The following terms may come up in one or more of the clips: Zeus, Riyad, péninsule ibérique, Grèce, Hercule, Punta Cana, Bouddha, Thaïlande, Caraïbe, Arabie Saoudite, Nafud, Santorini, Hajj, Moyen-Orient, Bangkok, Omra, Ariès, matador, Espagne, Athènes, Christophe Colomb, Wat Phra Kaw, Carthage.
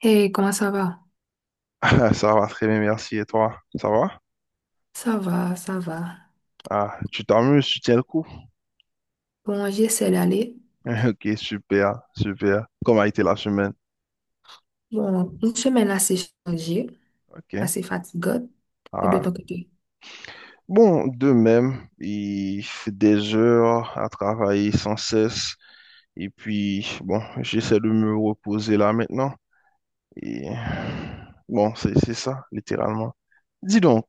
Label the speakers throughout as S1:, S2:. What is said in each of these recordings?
S1: Hey, comment ça va?
S2: Ça va très bien, merci. Et toi, ça va?
S1: Ça va, ça va.
S2: Ah, tu t'amuses, tu tiens le coup.
S1: Bon, j'essaie d'aller.
S2: Ok, super, super. Comment a été la semaine?
S1: Bon, une semaine assez chargée,
S2: Ok.
S1: assez fatigante. Et de
S2: Ah.
S1: ton côté?
S2: Bon, de même, il fait des heures à travailler sans cesse. Et puis, bon, j'essaie de me reposer là maintenant. Et bon, c'est ça, littéralement. Dis donc,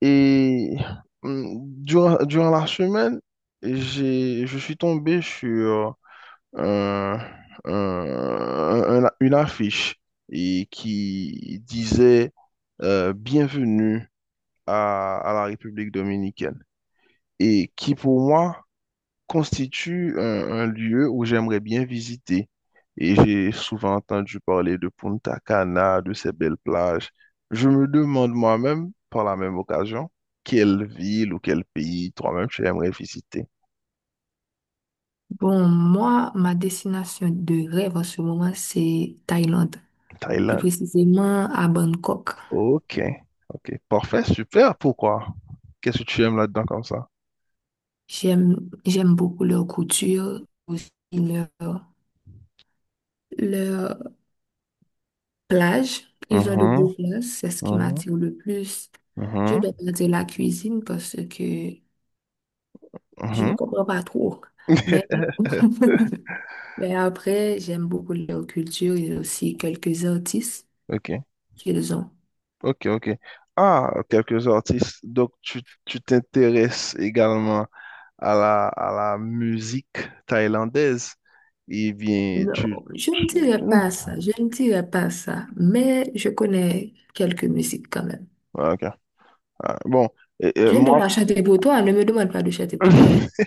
S2: et hum, durant la semaine, je suis tombé sur un- une affiche et qui disait bienvenue à la République dominicaine, et qui pour moi constitue un lieu où j'aimerais bien visiter. Et j'ai souvent entendu parler de Punta Cana, de ces belles plages. Je me demande moi-même, par la même occasion, quelle ville ou quel pays toi-même tu aimerais visiter?
S1: Bon, moi, ma destination de rêve en ce moment, c'est Thaïlande. Plus
S2: Thaïlande.
S1: précisément, à Bangkok.
S2: Ok, ok, parfait, super. Pourquoi? Qu'est-ce que tu aimes là-dedans comme ça?
S1: J'aime beaucoup leur couture, aussi leur plage. Ils ont de
S2: Mhm,
S1: beaux plages, c'est ce qui
S2: mhm,
S1: m'attire le plus. Je
S2: mhm,
S1: vais pas dire la cuisine parce que je ne
S2: mhm.
S1: comprends pas trop. Mais, mais après, j'aime beaucoup leur culture et aussi quelques artistes
S2: Ok,
S1: qu'ils ont.
S2: ok, ok. Ah, quelques artistes. Donc, tu t'intéresses également à la musique thaïlandaise. Eh bien, tu...
S1: Non, je
S2: tu-
S1: ne dirais pas ça, je ne dirais pas ça, mais je connais quelques musiques quand même.
S2: Ah, ok. Ah, bon, et
S1: Je ne vais
S2: moi...
S1: pas chanter pour toi, ne me demande pas de chanter pour toi.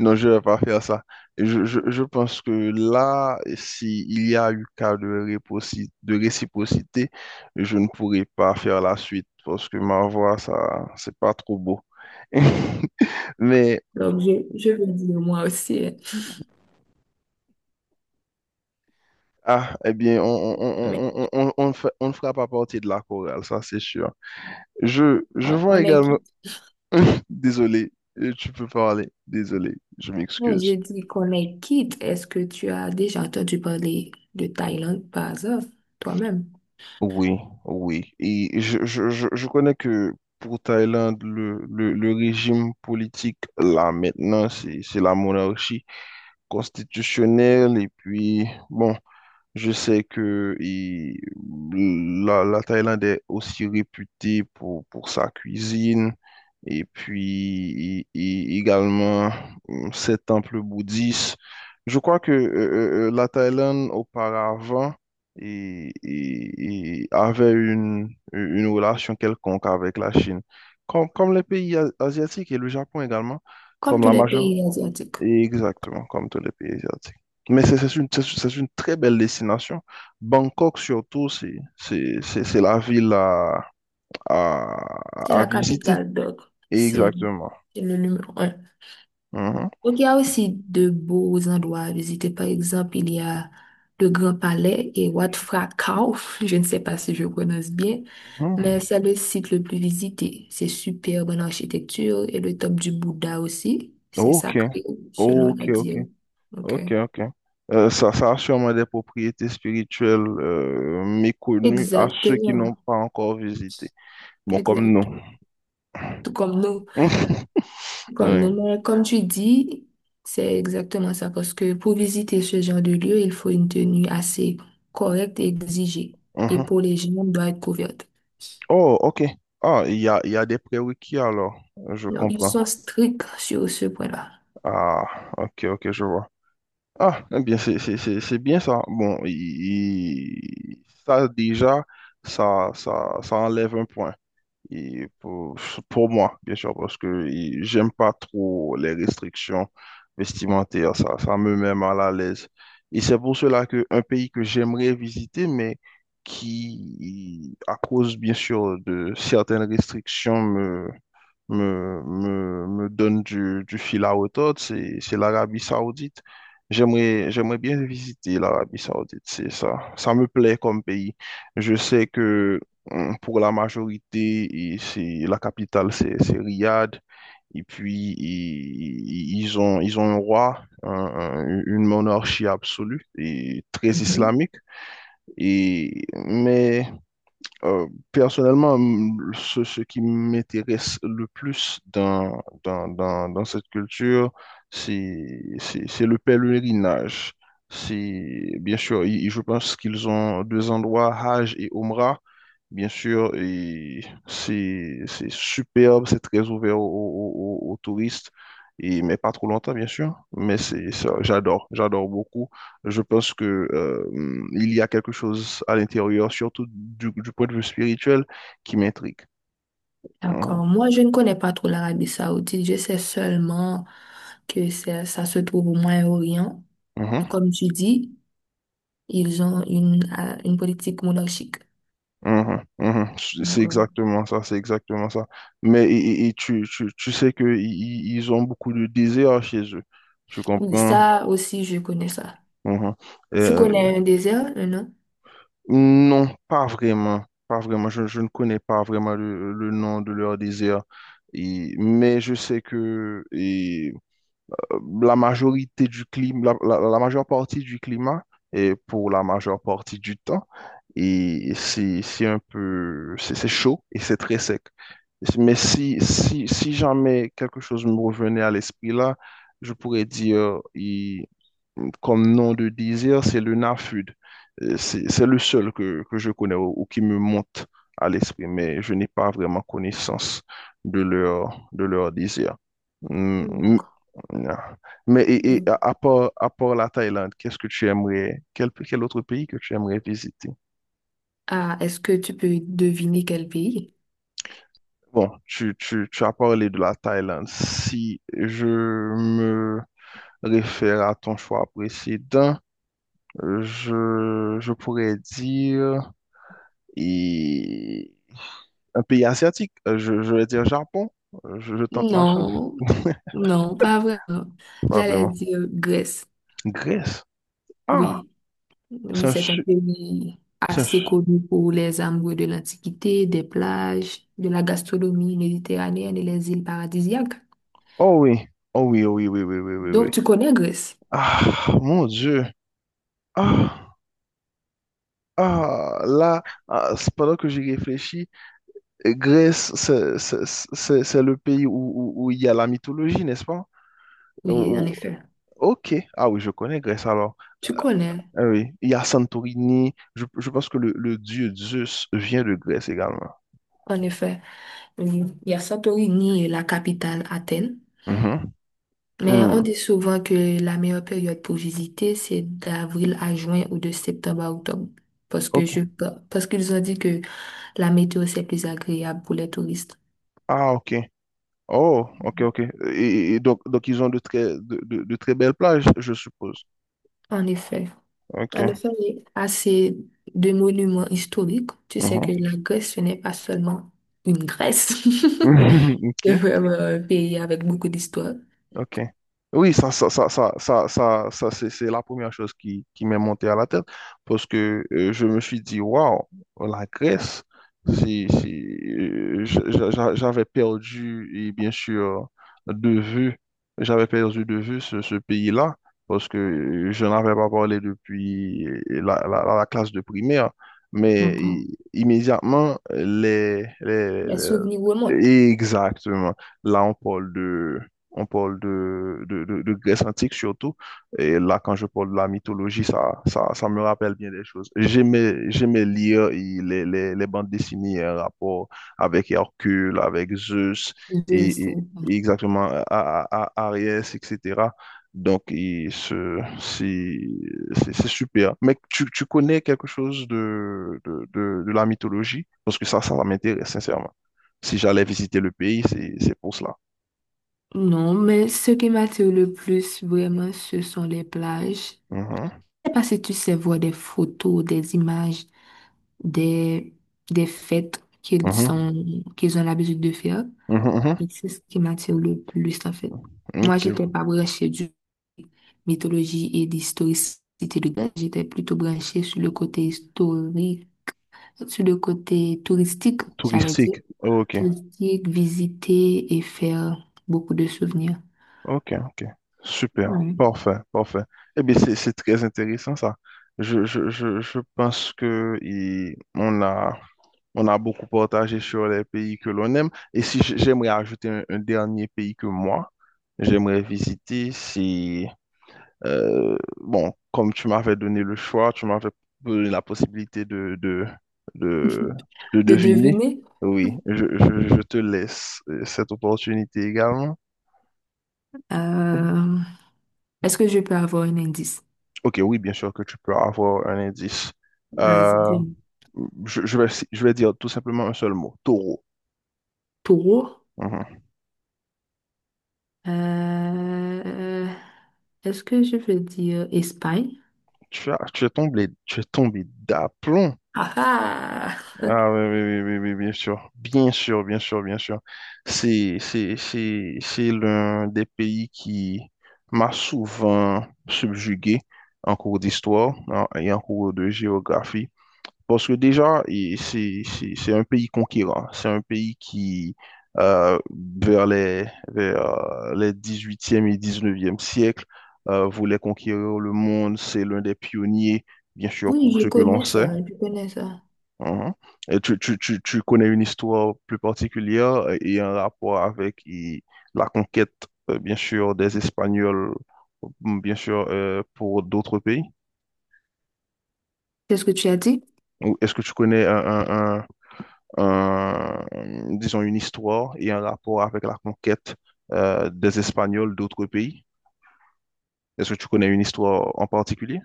S2: Non, je ne vais pas faire ça. Je pense que là, s'il y a eu cas de de réciprocité, je ne pourrai pas faire la suite parce que ma voix, ça, c'est pas trop beau. Mais,
S1: Donc, je veux dire moi aussi, hein.
S2: ah, eh bien,
S1: Mais
S2: on ne on ne fera pas partie de la chorale, ça c'est sûr. Je
S1: on,
S2: vois
S1: on est
S2: également...
S1: quitte.
S2: Désolé, tu peux parler. Désolé, je
S1: Non, j'ai
S2: m'excuse.
S1: dit qu'on est quitte. Est-ce que tu as déjà entendu parler de Thaïlande par hasard, toi-même?
S2: Oui, oui. Et je connais que pour Thaïlande, le régime politique, là, maintenant, c'est la monarchie constitutionnelle. Et puis, bon, je sais que la, la Thaïlande est aussi réputée pour sa cuisine et puis également ses temples bouddhistes. Je crois que la Thaïlande auparavant et avait une relation quelconque avec la Chine, comme les pays asiatiques et le Japon également,
S1: Comme
S2: comme
S1: tous
S2: la
S1: les
S2: majeure...
S1: pays asiatiques.
S2: Exactement, comme tous les pays asiatiques. Mais c'est une, c'est une très belle destination. Bangkok, surtout, c'est la ville à,
S1: C'est
S2: à
S1: la
S2: visiter.
S1: capitale, donc c'est
S2: Exactement.
S1: c'est le numéro un.
S2: Mhm,
S1: Donc, il y a aussi de beaux endroits à visiter. Par exemple, il y a le Grand Palais et Wat Phra Kaw. Je ne sais pas si je prononce bien, mais
S2: mhm.
S1: c'est le site le plus visité. C'est superbe en architecture et le temple du Bouddha aussi. C'est
S2: Ok,
S1: sacré, selon
S2: ok,
S1: la
S2: ok,
S1: dire. OK.
S2: ok, ok. Ça, ça a sûrement des propriétés spirituelles méconnues à ceux qui n'ont
S1: Exactement.
S2: pas encore visité. Bon, comme nous.
S1: Exact. Tout comme nous. Comme,
S2: Oui.
S1: non, mais comme tu dis, c'est exactement ça, parce que pour visiter ce genre de lieu, il faut une tenue assez correcte et exigée. Et
S2: Mhm.
S1: pour les jambes doit être couverte.
S2: Oh, ok. Ah, il y a des prérequis alors. Je
S1: Donc, ils
S2: comprends.
S1: sont stricts sur ce point-là.
S2: Ah, ok, ok, je vois. Ah, eh bien, c'est bien ça. Bon, ça déjà, ça enlève un point. Et pour moi, bien sûr, parce que j'aime pas trop les restrictions vestimentaires, ça me met mal à l'aise. Et c'est pour cela que un pays que j'aimerais visiter, mais qui, à cause, bien sûr, de certaines restrictions, me donne du fil à retordre, c'est l'Arabie Saoudite. J'aimerais bien visiter l'Arabie Saoudite, c'est ça. Ça me plaît comme pays. Je sais que pour la majorité, et c'est la capitale, c'est Riyad. Et puis, ils ont un roi, une monarchie absolue et très islamique. Et, mais euh, personnellement, ce, ce qui m'intéresse le plus dans cette culture, c'est le pèlerinage. C'est, bien sûr, je pense qu'ils ont deux endroits, Hajj et Omra. Bien sûr, et c'est superbe, c'est très ouvert aux touristes, et, mais pas trop longtemps, bien sûr. Mais c'est, ça, j'adore beaucoup. Je pense que, il y a quelque chose à l'intérieur, surtout du point de vue spirituel, qui m'intrigue.
S1: D'accord.
S2: Mhm,
S1: Moi, je ne connais pas trop l'Arabie Saoudite. Je sais seulement que c'est- ça se trouve au Moyen-Orient. Et
S2: mhm,
S1: comme tu dis, ils ont une politique monarchique.
S2: mhm, mhm. C'est
S1: D'accord.
S2: exactement ça, c'est exactement ça. Mais et, et tu sais que ils ont beaucoup de désirs chez eux. Tu
S1: Oui,
S2: comprends?
S1: ça aussi, je connais ça.
S2: Mhm.
S1: Tu
S2: Euh,
S1: connais un désert, non?
S2: non, pas vraiment. Pas vraiment. Je ne connais pas vraiment le nom de leur désir. Mais je sais que euh, la majorité du climat, la majeure partie du climat et pour la majeure partie du temps. Et c'est un peu, c'est chaud et c'est très sec. Mais si jamais quelque chose me revenait à l'esprit là, je pourrais dire, comme nom de désert, c'est le Nafud. C'est le seul que je connais ou qui me monte à l'esprit, mais je n'ai pas vraiment connaissance de leur désert. Hmm, hmm,
S1: D'accord.
S2: ah. Mais et à part la Thaïlande, qu'est-ce que tu aimerais, quel autre pays que tu aimerais visiter?
S1: Ah, est-ce que tu peux deviner quel pays?
S2: Bon, tu as parlé de la Thaïlande. Si je me réfère à ton choix précédent, je pourrais dire... Et un pays asiatique, je vais dire Japon. Je tente ma chance.
S1: Non, non, pas vraiment.
S2: Pas
S1: J'allais
S2: vraiment.
S1: dire Grèce.
S2: Grèce. Ah,
S1: Oui,
S2: c'est
S1: oui,
S2: un
S1: c'est un
S2: su...
S1: pays
S2: c'est un
S1: assez
S2: su-
S1: connu pour les amoureux de l'Antiquité, des plages, de la gastronomie méditerranéenne et les îles paradisiaques.
S2: oh oui. Oh oui, oh oui, oui, oui, oui, oui, oui.
S1: Donc, tu connais Grèce?
S2: Ah, mon Dieu. Ah, ah, là, ah, c'est pendant que j'y réfléchis, Grèce, c'est le pays où, où il y a la mythologie, n'est-ce pas? Où-
S1: Oui, en
S2: où-
S1: effet.
S2: ok. Ah oui, je connais Grèce alors.
S1: Tu connais,
S2: Ah oui, il y a Santorini. Je pense que le dieu Zeus vient de Grèce également.
S1: en effet. Oui, il y a Santorini et la capitale Athènes.
S2: Mhm.
S1: Mais on
S2: Hmm.
S1: dit souvent que la meilleure période pour visiter, c'est d'avril à juin ou de septembre à octobre. Parce que
S2: Ok.
S1: je, parce qu'ils ont dit que la météo, c'est plus agréable pour les touristes.
S2: Ah, ok. Oh, ok, ok. Et donc, ils ont de très, de très belles plages, je suppose.
S1: En effet. En
S2: Ok.
S1: effet, il y a assez de monuments historiques. Tu sais que
S2: Mhm.
S1: la Grèce, ce n'est pas seulement une Grèce.
S2: Ok.
S1: C'est vraiment un pays avec beaucoup d'histoire.
S2: Ok. Oui, ça, c'est la première chose qui m'est montée à la tête parce que je me suis dit, waouh, la Grèce, j'avais perdu, et bien sûr, de vue, j'avais perdu de vue ce pays-là parce que je n'avais pas parlé depuis la classe de primaire, mais
S1: D'accord.
S2: immédiatement,
S1: Les souvenirs remontent.
S2: Exactement. Là, on parle de, de Grèce antique surtout. Et là, quand je parle de la mythologie, ça me rappelle bien des choses. J'aimais lire et les bandes dessinées en rapport avec Hercule, avec Zeus, et,
S1: de ce-
S2: et- et exactement Ariès, etc. Donc, c'est c'est super. Mais tu connais quelque chose de la mythologie? Parce que ça m'intéresse sincèrement. Si j'allais visiter le pays, c'est pour cela.
S1: Non, mais ce qui m'attire le plus, vraiment, ce sont les plages.
S2: Mhm,
S1: Je sais pas si tu sais voir des photos, des images, des, des fêtes
S2: mhm.
S1: qu'ils ont l'habitude de faire.
S2: Mhm, mhm.
S1: Et c'est ce qui m'attire le plus, en fait. Moi, j'étais
S2: Ok.
S1: pas branchée du mythologie et d'historicité de Grèce. J'étais plutôt branchée sur le côté historique, sur le côté touristique, j'allais dire.
S2: Touristique. Ok,
S1: Touristique, visiter et faire beaucoup de souvenirs.
S2: ok, ok. Super.
S1: Ouais.
S2: Parfait, parfait. Eh bien, c'est très intéressant ça. Je pense que on a beaucoup partagé sur les pays que l'on aime. Et si j'aimerais ajouter un dernier pays que moi, j'aimerais visiter. Bon, comme tu m'avais donné le choix, tu m'avais donné la possibilité de, de
S1: De
S2: deviner.
S1: deviner.
S2: Oui, je te laisse cette opportunité également.
S1: Euh, est-ce que je peux avoir un indice?
S2: Ok, oui, bien sûr que tu peux avoir un indice.
S1: Vas-y,
S2: Euh,
S1: dis-moi.
S2: je vais, si, je vais dire tout simplement un seul mot, taureau.
S1: pour,
S2: Mhm.
S1: euh, est-ce que je veux dire Espagne?
S2: Tu as, tu es tombé d'aplomb.
S1: Ah ah!
S2: Ah oui, oui, oui, oui, oui, bien sûr. Bien sûr, bien sûr, bien sûr. C'est l'un des pays qui m'a souvent subjugué en cours d'histoire hein, et en cours de géographie. Parce que déjà, et c'est un pays conquérant. C'est un pays qui, euh, vers les 18e et 19e siècles, voulait conquérir le monde. C'est l'un des pionniers, bien sûr,
S1: Oui,
S2: pour
S1: je
S2: ce que l'on
S1: connais
S2: sait.
S1: ça, je connais ça.
S2: Mhm. Et tu connais une histoire plus particulière et un rapport avec et la conquête, bien sûr, des Espagnols, bien sûr, pour d'autres pays?
S1: Qu'est-ce que tu as dit?
S2: Ou est-ce que tu connais disons, une histoire et un rapport avec la conquête, des Espagnols d'autres pays? Est-ce que tu connais une histoire en particulier?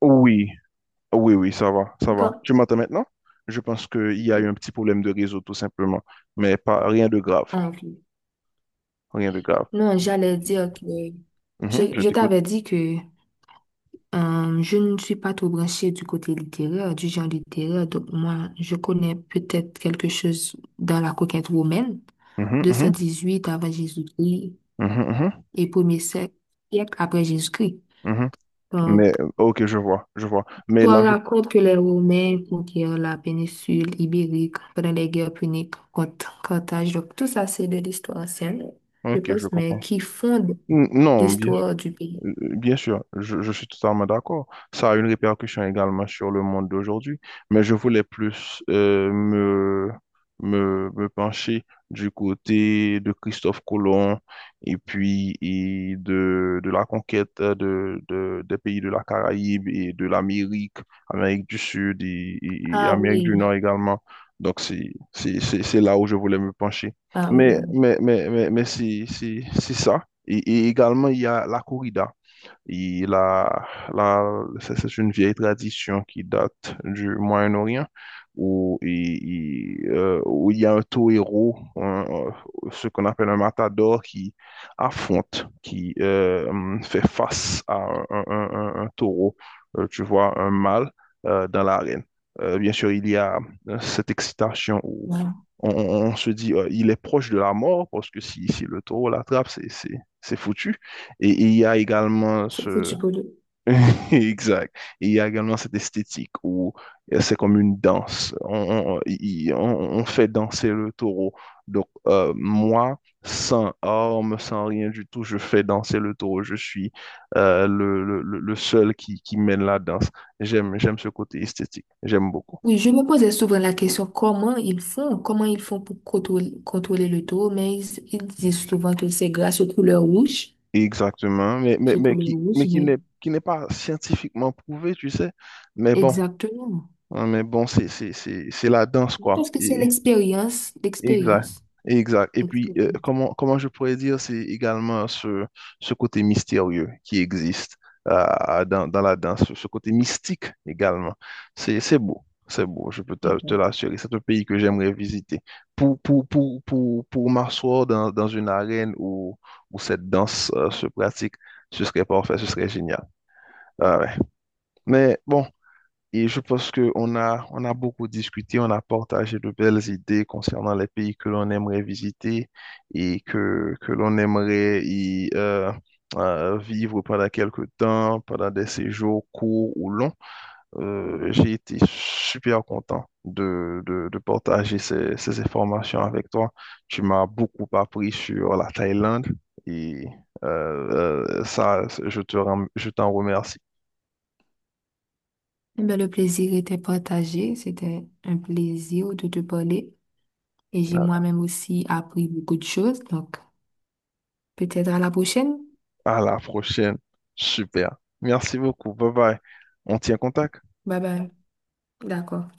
S2: Oui, oui, oui, ça va, ça va.
S1: Bon,
S2: Tu m'entends maintenant? Je pense qu'il y a eu un petit problème de réseau, tout simplement. Mais pas, rien de grave,
S1: ah, ok.
S2: rien de grave.
S1: Non, j'allais dire que
S2: Mhm, je
S1: je
S2: t'écoute.
S1: t'avais dit que je ne suis pas trop branchée du côté littéraire, du genre littéraire. Donc, moi, je connais peut-être quelque chose dans la conquête romaine,
S2: Mhm, mhm,
S1: 218 avant Jésus-Christ
S2: mhm, mhm,
S1: et premier siècle siècle après Jésus-Christ.
S2: mhm.
S1: Donc
S2: Mais, ok, je vois, je vois. Mais
S1: toi
S2: là, je...
S1: raconte que les Romains conquirent la péninsule ibérique pendant les guerres puniques contre Carthage. Donc, tout ça, c'est de l'histoire ancienne, je
S2: Ok, je
S1: pense, mais
S2: comprends.
S1: qui fonde
S2: Non.
S1: l'histoire du pays.
S2: Bien sûr, je suis totalement d'accord. Ça a une répercussion également sur le monde d'aujourd'hui, mais je voulais plus me pencher du côté de Christophe Colomb et puis et de la conquête des pays de la Caraïbe et de l'Amérique, Amérique du Sud et, et
S1: Ah
S2: Amérique du
S1: oui,
S2: Nord également. Donc, c'est là où je voulais me pencher.
S1: ah oui, ah oui.
S2: Mais c'est ça. Et également, il y a la corrida. Et là, là, c'est une vieille tradition qui date du Moyen-Orient où où il y a un taureau, ce qu'on appelle un matador, qui qui fait face à un, un taureau, tu vois, un mâle dans l'arène. Bien sûr, il y a cette excitation où
S1: Ouais,
S2: on se dit il est proche de la mort, parce que si, si le taureau l'attrape, c'est foutu. Et, il y a également
S1: c'est
S2: ce...
S1: foutu pour le-
S2: Exact. Il y a également cette esthétique où c'est comme une danse. On fait danser le taureau. Donc, moi, sans armes, sans rien du tout, je fais danser le taureau. Je suis le seul qui mène la danse. J'aime ce côté esthétique. J'aime beaucoup.
S1: Oui, je me posais souvent la question comment ils font pour contrôler, contrôler le taureau, mais ils disent souvent que c'est grâce
S2: Exactement,
S1: aux couleurs
S2: mais
S1: rouges, mais
S2: qui n'est pas scientifiquement prouvé, tu sais. Mais bon,
S1: exactement.
S2: hein, mais bon, c'est la danse,
S1: Je
S2: quoi.
S1: pense que c'est
S2: Exact, exact. Et puis,
S1: l'expérience.
S2: comment je pourrais dire, c'est également ce, ce côté mystérieux qui existe dans, dans la danse, ce côté mystique également. C'est beau, je peux te l'assurer. C'est un pays que j'aimerais visiter. Pour m'asseoir dans une arène où, où cette danse se pratique, ce serait parfait, ce serait génial. Ah ouais. Mais bon. Et je pense qu'on a, on a beaucoup discuté, on a partagé de belles idées concernant les pays que l'on aimerait visiter et que l'on aimerait y vivre pendant quelques temps, pendant des séjours courts ou longs. J'ai été super content de partager ces, ces informations avec toi. Tu m'as beaucoup appris sur la Thaïlande et ça, je t'en remercie.
S1: Eh bien, le plaisir était partagé. C'était un plaisir de te parler. Et j'ai
S2: À
S1: moi-même aussi appris beaucoup de choses. Donc, peut-être à la prochaine.
S2: à la prochaine. Super. Merci beaucoup. Bye bye. On tient contact.
S1: Bye bye. D'accord.